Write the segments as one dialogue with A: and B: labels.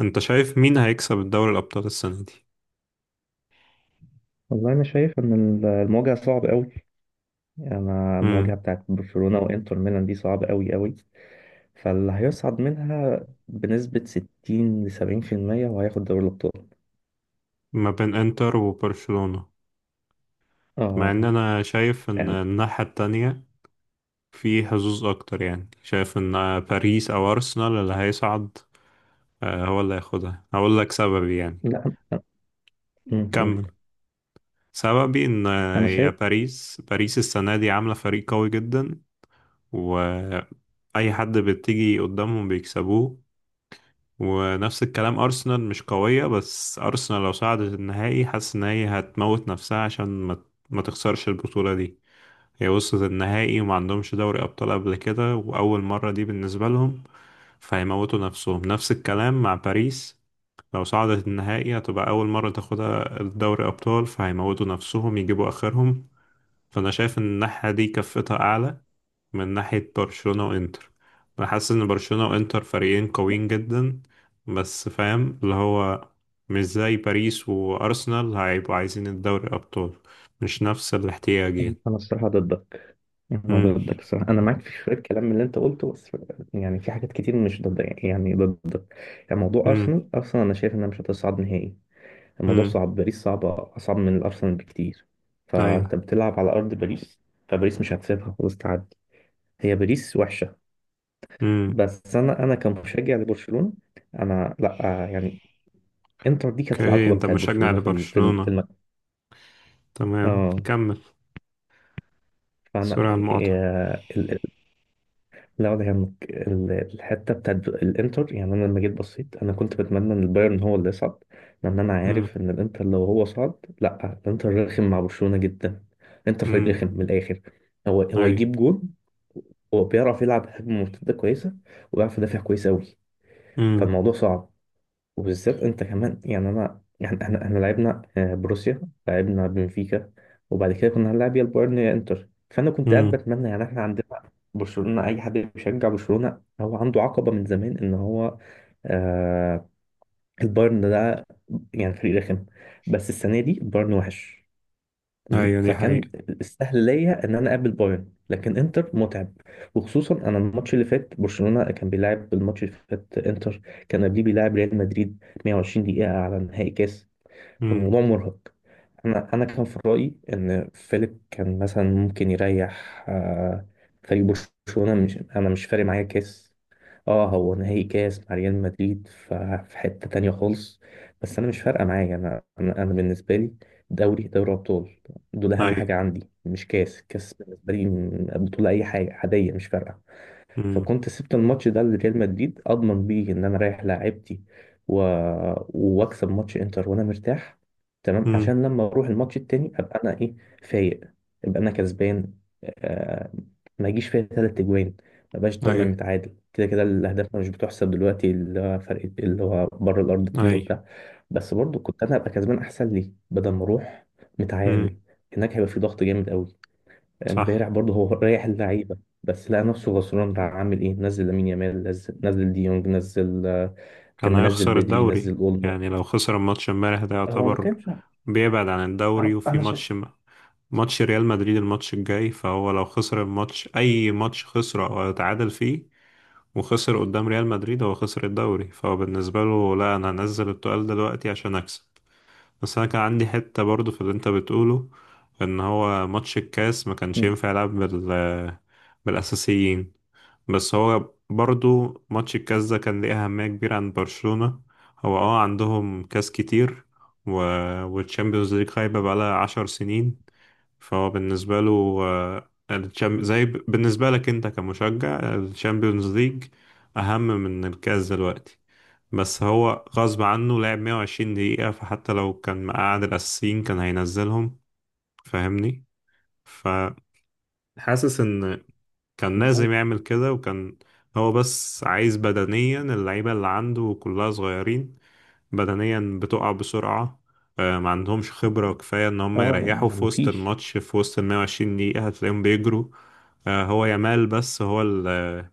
A: انت شايف مين هيكسب الدوري الابطال السنه دي؟
B: والله أنا شايف إن المواجهة صعب أوي. أنا المواجهة
A: مم.
B: بتاعت برشلونة وإنتر ميلان دي صعبة أوي أوي، فاللي هيصعد منها بنسبة 60-70% وهياخد دوري الأبطال.
A: ما بين انتر وبرشلونه. مع ان
B: آه،
A: انا شايف ان
B: يعني
A: الناحيه التانية في حظوظ اكتر، يعني شايف ان باريس او ارسنال اللي هيصعد. آه، هو اللي هياخدها، هقول لك سببي يعني.
B: لا. قول.
A: كمل. سببي ان
B: أنا
A: يا
B: شايف.
A: باريس باريس السنه دي عامله فريق قوي جدا، و اي حد بتيجي قدامهم بيكسبوه. ونفس الكلام أرسنال مش قوية، بس أرسنال لو صعدت النهائي حاسس إن هي هتموت نفسها عشان ما تخسرش البطولة دي. هي وصلت النهائي وما عندهمش دوري أبطال قبل كده، وأول مرة دي بالنسبة لهم، فهيموتوا نفسهم. نفس الكلام مع باريس، لو صعدت النهائي هتبقى أول مرة تاخدها الدوري أبطال، فهيموتوا نفسهم يجيبوا آخرهم. فأنا شايف إن الناحية دي كفتها أعلى من ناحية برشلونة وإنتر. أنا حاسس إن برشلونة وإنتر فريقين قويين جدا، بس فاهم اللي هو مش زي باريس وأرسنال، هيبقوا عايزين الدوري أبطال، مش نفس الاحتياج يعني.
B: أنا الصراحة ضدك، أنا
A: مم.
B: ضدك الصراحة، أنا معاك في شوية كلام من اللي أنت قلته بس. يعني في حاجات كتير مش ضد يعني ضدك. يعني موضوع
A: مم.
B: أرسنال أنا شايف إنها مش هتصعد نهائي. الموضوع
A: مم.
B: صعب، باريس صعبة أصعب من الأرسنال بكتير.
A: أيوة.
B: فأنت بتلعب على أرض باريس، فباريس مش هتسيبها خلاص تعدي. هي باريس وحشة.
A: مم.
B: بس أنا كمشجع لبرشلونة، أنا لأ يعني إنتر دي كانت
A: أوكي،
B: العقبة
A: أنت
B: بتاعت
A: مشجع
B: برشلونة في ال- في ال- في
A: لبرشلونة،
B: الم...
A: تمام،
B: آه،
A: كمل.
B: فأنا
A: سوري على المقاطعة.
B: لا ولا يهمك الحته بتاعت الانتر. يعني انا لما جيت بصيت انا كنت بتمنى ان البايرن هو اللي يصعد، لان انا
A: مم.
B: عارف ان الانتر لو هو صعد، لا الانتر رخم مع برشلونه جدا. الانتر فريق
A: مم.
B: رخم من الاخر، هو
A: أيوة.
B: يجيب جون، هو بيعرف يلعب هجمه مرتده كويسه وبيعرف يدافع كويس قوي.
A: مم.
B: فالموضوع صعب، وبالذات انت كمان. يعني انا يعني احنا لعبنا بروسيا، لعبنا بنفيكا، وبعد كده كنا هنلعب يا البايرن يا انتر، فانا كنت قاعد
A: مم.
B: بتمنى. يعني احنا عندنا برشلونة، اي حد بيشجع برشلونة هو عنده عقبة من زمان ان هو، آه، البايرن ده يعني فريق رخم، بس السنة دي البايرن وحش. تمام؟
A: أيوة دي
B: فكان
A: حقيقة.
B: السهل ليا ان انا اقابل بايرن، لكن انتر متعب، وخصوصا انا الماتش اللي فات برشلونة كان بيلعب، الماتش اللي فات انتر كان قبليه بيلعب ريال مدريد 120 دقيقة على نهائي كاس.
A: مم.
B: فالموضوع مرهق. انا كان في رايي ان فيليب كان مثلا ممكن يريح فريق برشلونه. مش انا مش فارق معايا كاس، اه هو نهائي كاس مع ريال مدريد في حته تانية خالص. بس انا مش فارقه معايا، انا بالنسبه لي دوري ابطال، دول اهم
A: أيوة.
B: حاجه عندي. مش كاس، كاس بالنسبه لي بطوله اي حاجه عاديه مش فارقه.
A: مم.
B: فكنت سبت الماتش ده لريال مدريد اضمن بيه ان انا رايح لاعبتي و... واكسب ماتش انتر وانا مرتاح، تمام؟
A: مم.
B: عشان لما اروح الماتش التاني ابقى انا ايه، فايق، ابقى انا كسبان. آه... ما يجيش فيا 3 اجوان، ما بقاش طالع
A: أيوة.
B: متعادل، كده كده الاهداف مش بتحسب دلوقتي، اللي هو فرق اللي هو بره الارض اتنين
A: أيوة.
B: وبتاع. بس برضو كنت انا ابقى كسبان احسن لي بدل ما اروح
A: مم.
B: متعادل، هناك هيبقى في ضغط جامد قوي.
A: صح.
B: امبارح برضه هو ريح اللعيبه، بس لقى نفسه غصران بقى. عامل ايه؟ نزل لامين يامال، نزل ديونج، نزل كان
A: كان
B: منزل
A: هيخسر
B: بدري، نزل
A: الدوري
B: اولمو.
A: يعني، لو خسر الماتش امبارح ده
B: هو ما
A: يعتبر
B: كانش.
A: بيبعد عن الدوري، وفي
B: انا
A: ماتش
B: شايف.
A: ماتش ريال مدريد الماتش الجاي، فهو لو خسر الماتش أي ماتش خسره أو اتعادل فيه وخسر قدام ريال مدريد هو خسر الدوري، فهو بالنسبة له لا، أنا هنزل التقال دلوقتي عشان أكسب. بس انا كان عندي حتة برضو في اللي انت بتقوله، ان هو ماتش الكاس ما كانش
B: مم.
A: ينفع يلعب بالاساسيين. بس هو برضو ماتش الكاس ده كان ليه اهمية كبيرة عند برشلونة، هو عندهم كاس كتير و... والتشامبيونز ليج خايبة بقالها 10 سنين. فهو بالنسبة له، زي بالنسبة لك انت كمشجع، الشامبيونز ليج اهم من الكاس دلوقتي. بس هو غصب عنه لعب 120 دقيقة، فحتى لو كان مقعد الأساسيين كان هينزلهم، فاهمني؟ فحاسس إن كان
B: أنا عارف.
A: لازم يعمل كده، وكان هو بس عايز بدنيا اللعيبة اللي عنده كلها صغيرين، بدنيا بتقع بسرعة. ما عندهمش خبرة كفاية إن هم
B: اه
A: يريحوا في
B: ما
A: وسط
B: فيش.
A: الماتش، في وسط ال 120 دقيقة هتلاقيهم بيجروا. هو يامال بس هو اللي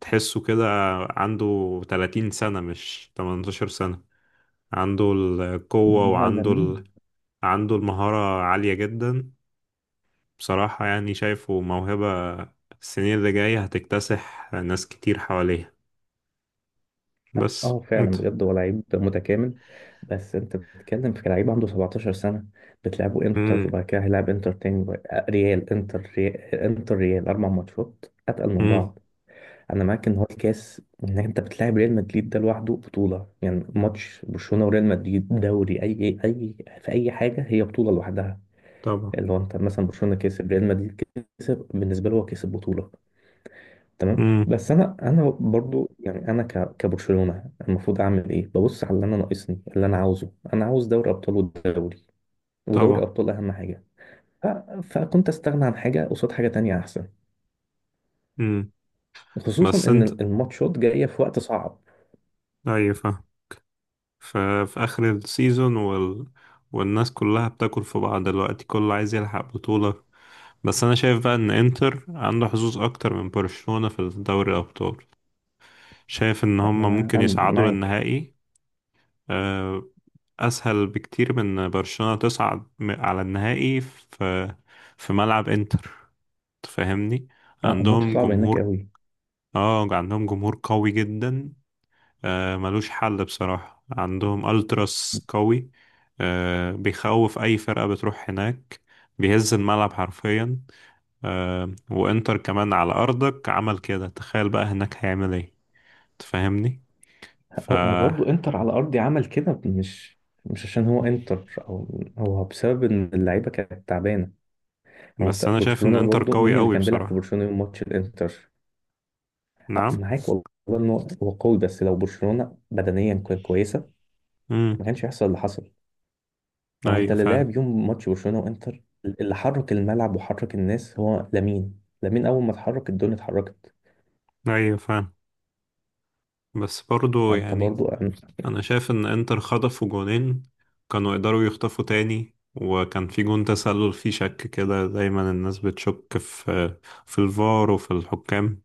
A: تحسه كده، عنده 30 سنة مش 18، عنده القوة
B: لا
A: وعنده
B: لامين،
A: عنده المهارة عالية جدا. بصراحة يعني شايفه موهبة، السنين اللي جاية هتكتسح ناس كتير حواليها. بس
B: اه
A: انت.
B: فعلا بجد هو لعيب متكامل. بس انت بتتكلم في لعيب عنده 17 سنه، بتلعبه انتر
A: امم.
B: وبعد كده هيلعب انتر تاني ريال، انتر ريال، انتر ريال، 4 ماتشات اتقل من
A: امم.
B: بعض. انا معاك ان هو الكاس ان انت بتلاعب ريال مدريد ده لوحده بطوله. يعني ماتش برشلونه وريال مدريد دوري اي في اي حاجه هي بطوله لوحدها.
A: طبعا.
B: اللي هو انت مثلا برشلونه كسب ريال مدريد، كسب، بالنسبه له هو كسب بطوله، تمام؟
A: امم.
B: بس انا برضو يعني انا كبرشلونه المفروض اعمل ايه؟ ببص على اللي انا ناقصني، اللي انا عاوزه، انا عاوز دوري ابطال والدوري، ودوري
A: طبعا.
B: ابطال اهم حاجه. ف- فكنت استغنى عن حاجه قصاد حاجه تانية احسن،
A: امم.
B: خصوصا
A: بس
B: ان
A: انت.
B: الماتشات جايه في وقت صعب.
A: ايوه، فاهم. ف... في آخر السيزون والناس كلها بتاكل في بعض دلوقتي، كله عايز يلحق بطولة. بس انا شايف بقى ان انتر عنده حظوظ اكتر من برشلونة في دوري الابطال، شايف ان
B: لا
A: هم
B: ما انا
A: ممكن يصعدوا
B: معاك.
A: للنهائي. آه، أسهل بكتير من برشلونة تصعد على النهائي في ملعب إنتر، تفهمني؟
B: اه الماتش
A: عندهم
B: صعب هناك
A: جمهور.
B: قوي.
A: اه، عندهم جمهور قوي جدا. آه ملوش حل بصراحة، عندهم ألتراس قوي، آه بيخوف أي فرقة بتروح هناك، بيهز الملعب حرفيا. آه وإنتر كمان على أرضك عمل كده، تخيل بقى هناك هيعمل إيه، تفهمني؟ ف
B: هو برضه انتر على ارضي عمل كده، مش عشان هو انتر، او هو بسبب ان اللعيبه كانت تعبانه. هو انت
A: بس أنا شايف إن
B: برشلونه
A: إنتر
B: برضه،
A: قوي
B: مين اللي
A: قوي
B: كان بيلعب في
A: بصراحة.
B: برشلونه يوم ماتش الانتر؟
A: نعم.
B: معاك والله ان هو قوي، بس لو برشلونه بدنيا كويسه ما كانش هيحصل اللي حصل. هو انت
A: ايوه
B: اللي
A: فعلا.
B: لعب يوم ماتش برشلونه وانتر، اللي حرك الملعب وحرك الناس هو لامين. لامين اول ما اتحرك الدنيا اتحركت.
A: ايوه فعلا. بس برضو
B: فانت
A: يعني،
B: برضه.
A: انا شايف ان انتر خطفوا جونين، كانوا يقدروا يخطفوا تاني، وكان في جون تسلل فيه شك، كده دايما الناس بتشك في الفار وفي الحكام.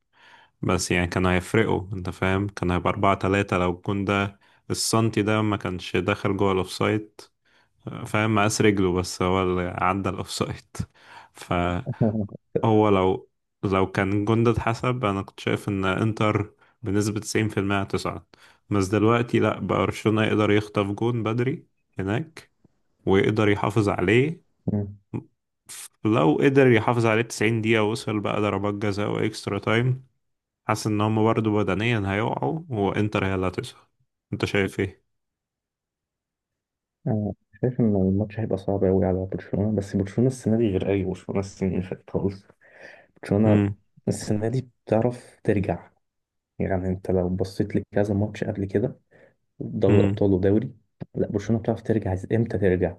A: بس يعني كانوا هيفرقوا، انت فاهم، كان هيبقى 4-3 لو الجون ده السنتي ده ما كانش دخل جوه الأوفسايد، فاهم، مقاس رجله بس هو اللي عدى الأوفسايد ف هو لو كان جندد حسب، انا كنت شايف ان انتر بنسبة 90% هتصعد. بس دلوقتي لا، بقى برشلونة يقدر يخطف جون بدري هناك ويقدر يحافظ عليه، لو قدر يحافظ عليه 90 دقيقة وصل بقى ضربات جزاء واكسترا تايم، حاسس ان هم برضه بدنيا هيقعوا وانتر هي اللي هتصعد. انت شايف ايه؟
B: أنا شايف إن الماتش هيبقى صعب أوي على برشلونة، بس برشلونة السنة دي غير أي برشلونة السنة اللي فاتت خالص. برشلونة
A: امم.
B: السنة دي بتعرف ترجع. يعني أنت لو بصيت لكذا ماتش قبل كده، دوري
A: امم.
B: أبطال ودوري، لا برشلونة بتعرف ترجع عايز إمتى ترجع.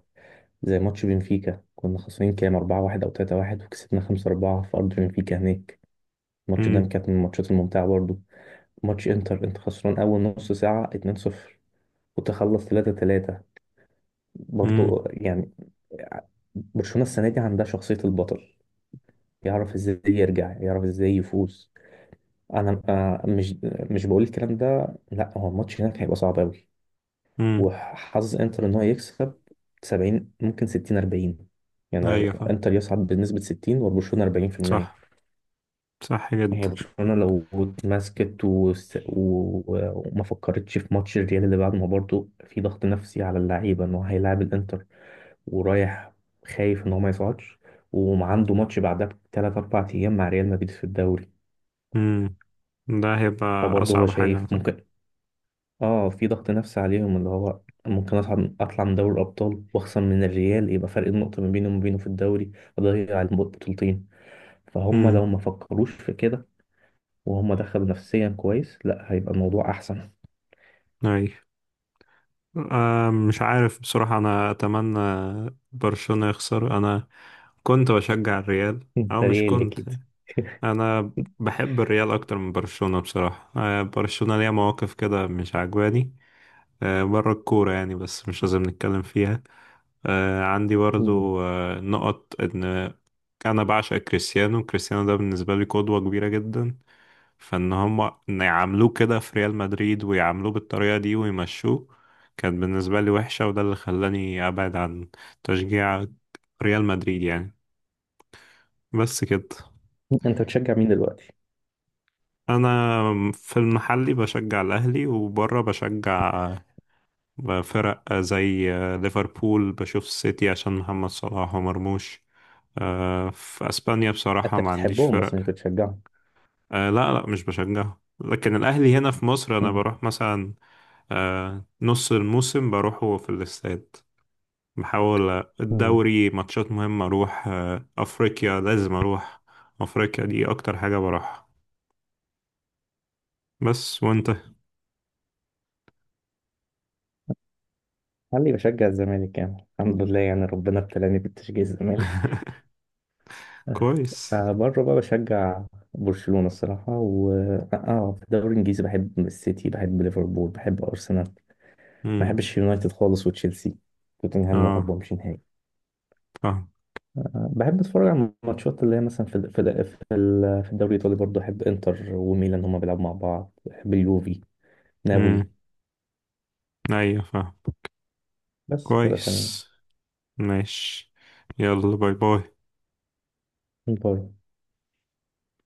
B: زي ماتش بنفيكا، كنا خسرانين كام 4-1 أو 3-1، وكسبنا 5-4 في أرض بنفيكا هناك. الماتش ده
A: امم.
B: كانت من الماتشات الممتعة برضه. ماتش إنتر، أنت خسران أول نص ساعة 2-0 وتخلص 3-3،
A: امم.
B: برضو يعني. برشلونة السنة دي عندها شخصية البطل، يعرف ازاي يرجع، يعرف ازاي يفوز. انا مش بقول الكلام ده، لا هو الماتش هناك هيبقى صعب قوي،
A: امم.
B: وحظ انتر ان هو يكسب 70، ممكن 60 40 يعني،
A: ايوه،
B: انتر يصعد بنسبة 60 وبرشلونة 40%.
A: صح، صح جدا.
B: هي برشلونة لو اتمسكت وما فكرتش في ماتش الريال اللي بعد، ما برضه في ضغط نفسي على اللعيبة ان هو هيلاعب الانتر ورايح خايف ان هو ما يصعدش، وعنده ماتش بعدها بـ3 او 4 ايام مع ريال مدريد في الدوري.
A: امم. ده هيبقى
B: فبرضه هو
A: اصعب حاجة
B: شايف
A: طبعا.
B: ممكن، اه في ضغط نفسي عليهم اللي هو، ممكن اصعد اطلع من دوري الابطال واخسر من الريال، يبقى فرق النقطه ما بيني وما بينه في الدوري، اضيع البطولتين. فهم لو ما فكروش في كده وهم دخلوا نفسيا كويس، لا هيبقى الموضوع احسن.
A: أي. آه، مش عارف بصراحة، أنا أتمنى برشلونة يخسر، أنا كنت بشجع الريال أو
B: ده
A: مش
B: ريالي
A: كنت،
B: اكيد.
A: أنا بحب الريال أكتر من برشلونة بصراحة. آه برشلونة ليها مواقف كده مش عجباني، آه بره الكورة يعني، بس مش لازم نتكلم فيها. آه عندي
B: مم.
A: برضو نقط إن أنا بعشق كريستيانو، كريستيانو ده بالنسبة لي قدوة كبيرة جدا. فان هم، إن يعاملوه كده في ريال مدريد ويعاملوه بالطريقة دي ويمشوه، كانت بالنسبة لي وحشة، وده اللي خلاني ابعد عن تشجيع ريال مدريد يعني. بس كده.
B: انت بتشجع مين دلوقتي؟
A: انا في المحلي بشجع الاهلي، وبره بشجع فرق زي ليفربول، بشوف السيتي عشان محمد صلاح ومرموش. في اسبانيا بصراحة
B: انت
A: ما عنديش
B: بتحبهم
A: فرق.
B: بس مش بتشجعهم؟
A: لا، لا مش بشجعه، لكن الاهلي هنا في مصر انا
B: مم.
A: بروح مثلا آه نص الموسم بروحه في الاستاد. بحاول
B: مم.
A: الدوري ماتشات مهمة أروح، أفريقيا لازم أروح، أفريقيا دي أكتر حاجة بروحها. بس وأنت
B: خلي بشجع الزمالك يعني، الحمد لله يعني، ربنا ابتلاني بتشجيع الزمالك.
A: كويس.
B: فبره بقى بشجع برشلونة الصراحة، و اه، آه، في الدوري الانجليزي بحب السيتي، بحب ليفربول، بحب ارسنال. ما
A: مم.
B: بحبش يونايتد خالص، وتشيلسي توتنهام ما
A: اه،
B: بحبهمش نهائي.
A: فاهم.
B: بحب اتفرج على الماتشات اللي هي مثلا في الدوري الايطالي برضه، احب انتر وميلان هما بيلعبوا مع بعض، بحب اليوفي، نابولي.
A: مم. أيوة فاهم،
B: بس كده تمام.
A: كويس، ماشي، يلا باي باي.
B: بره.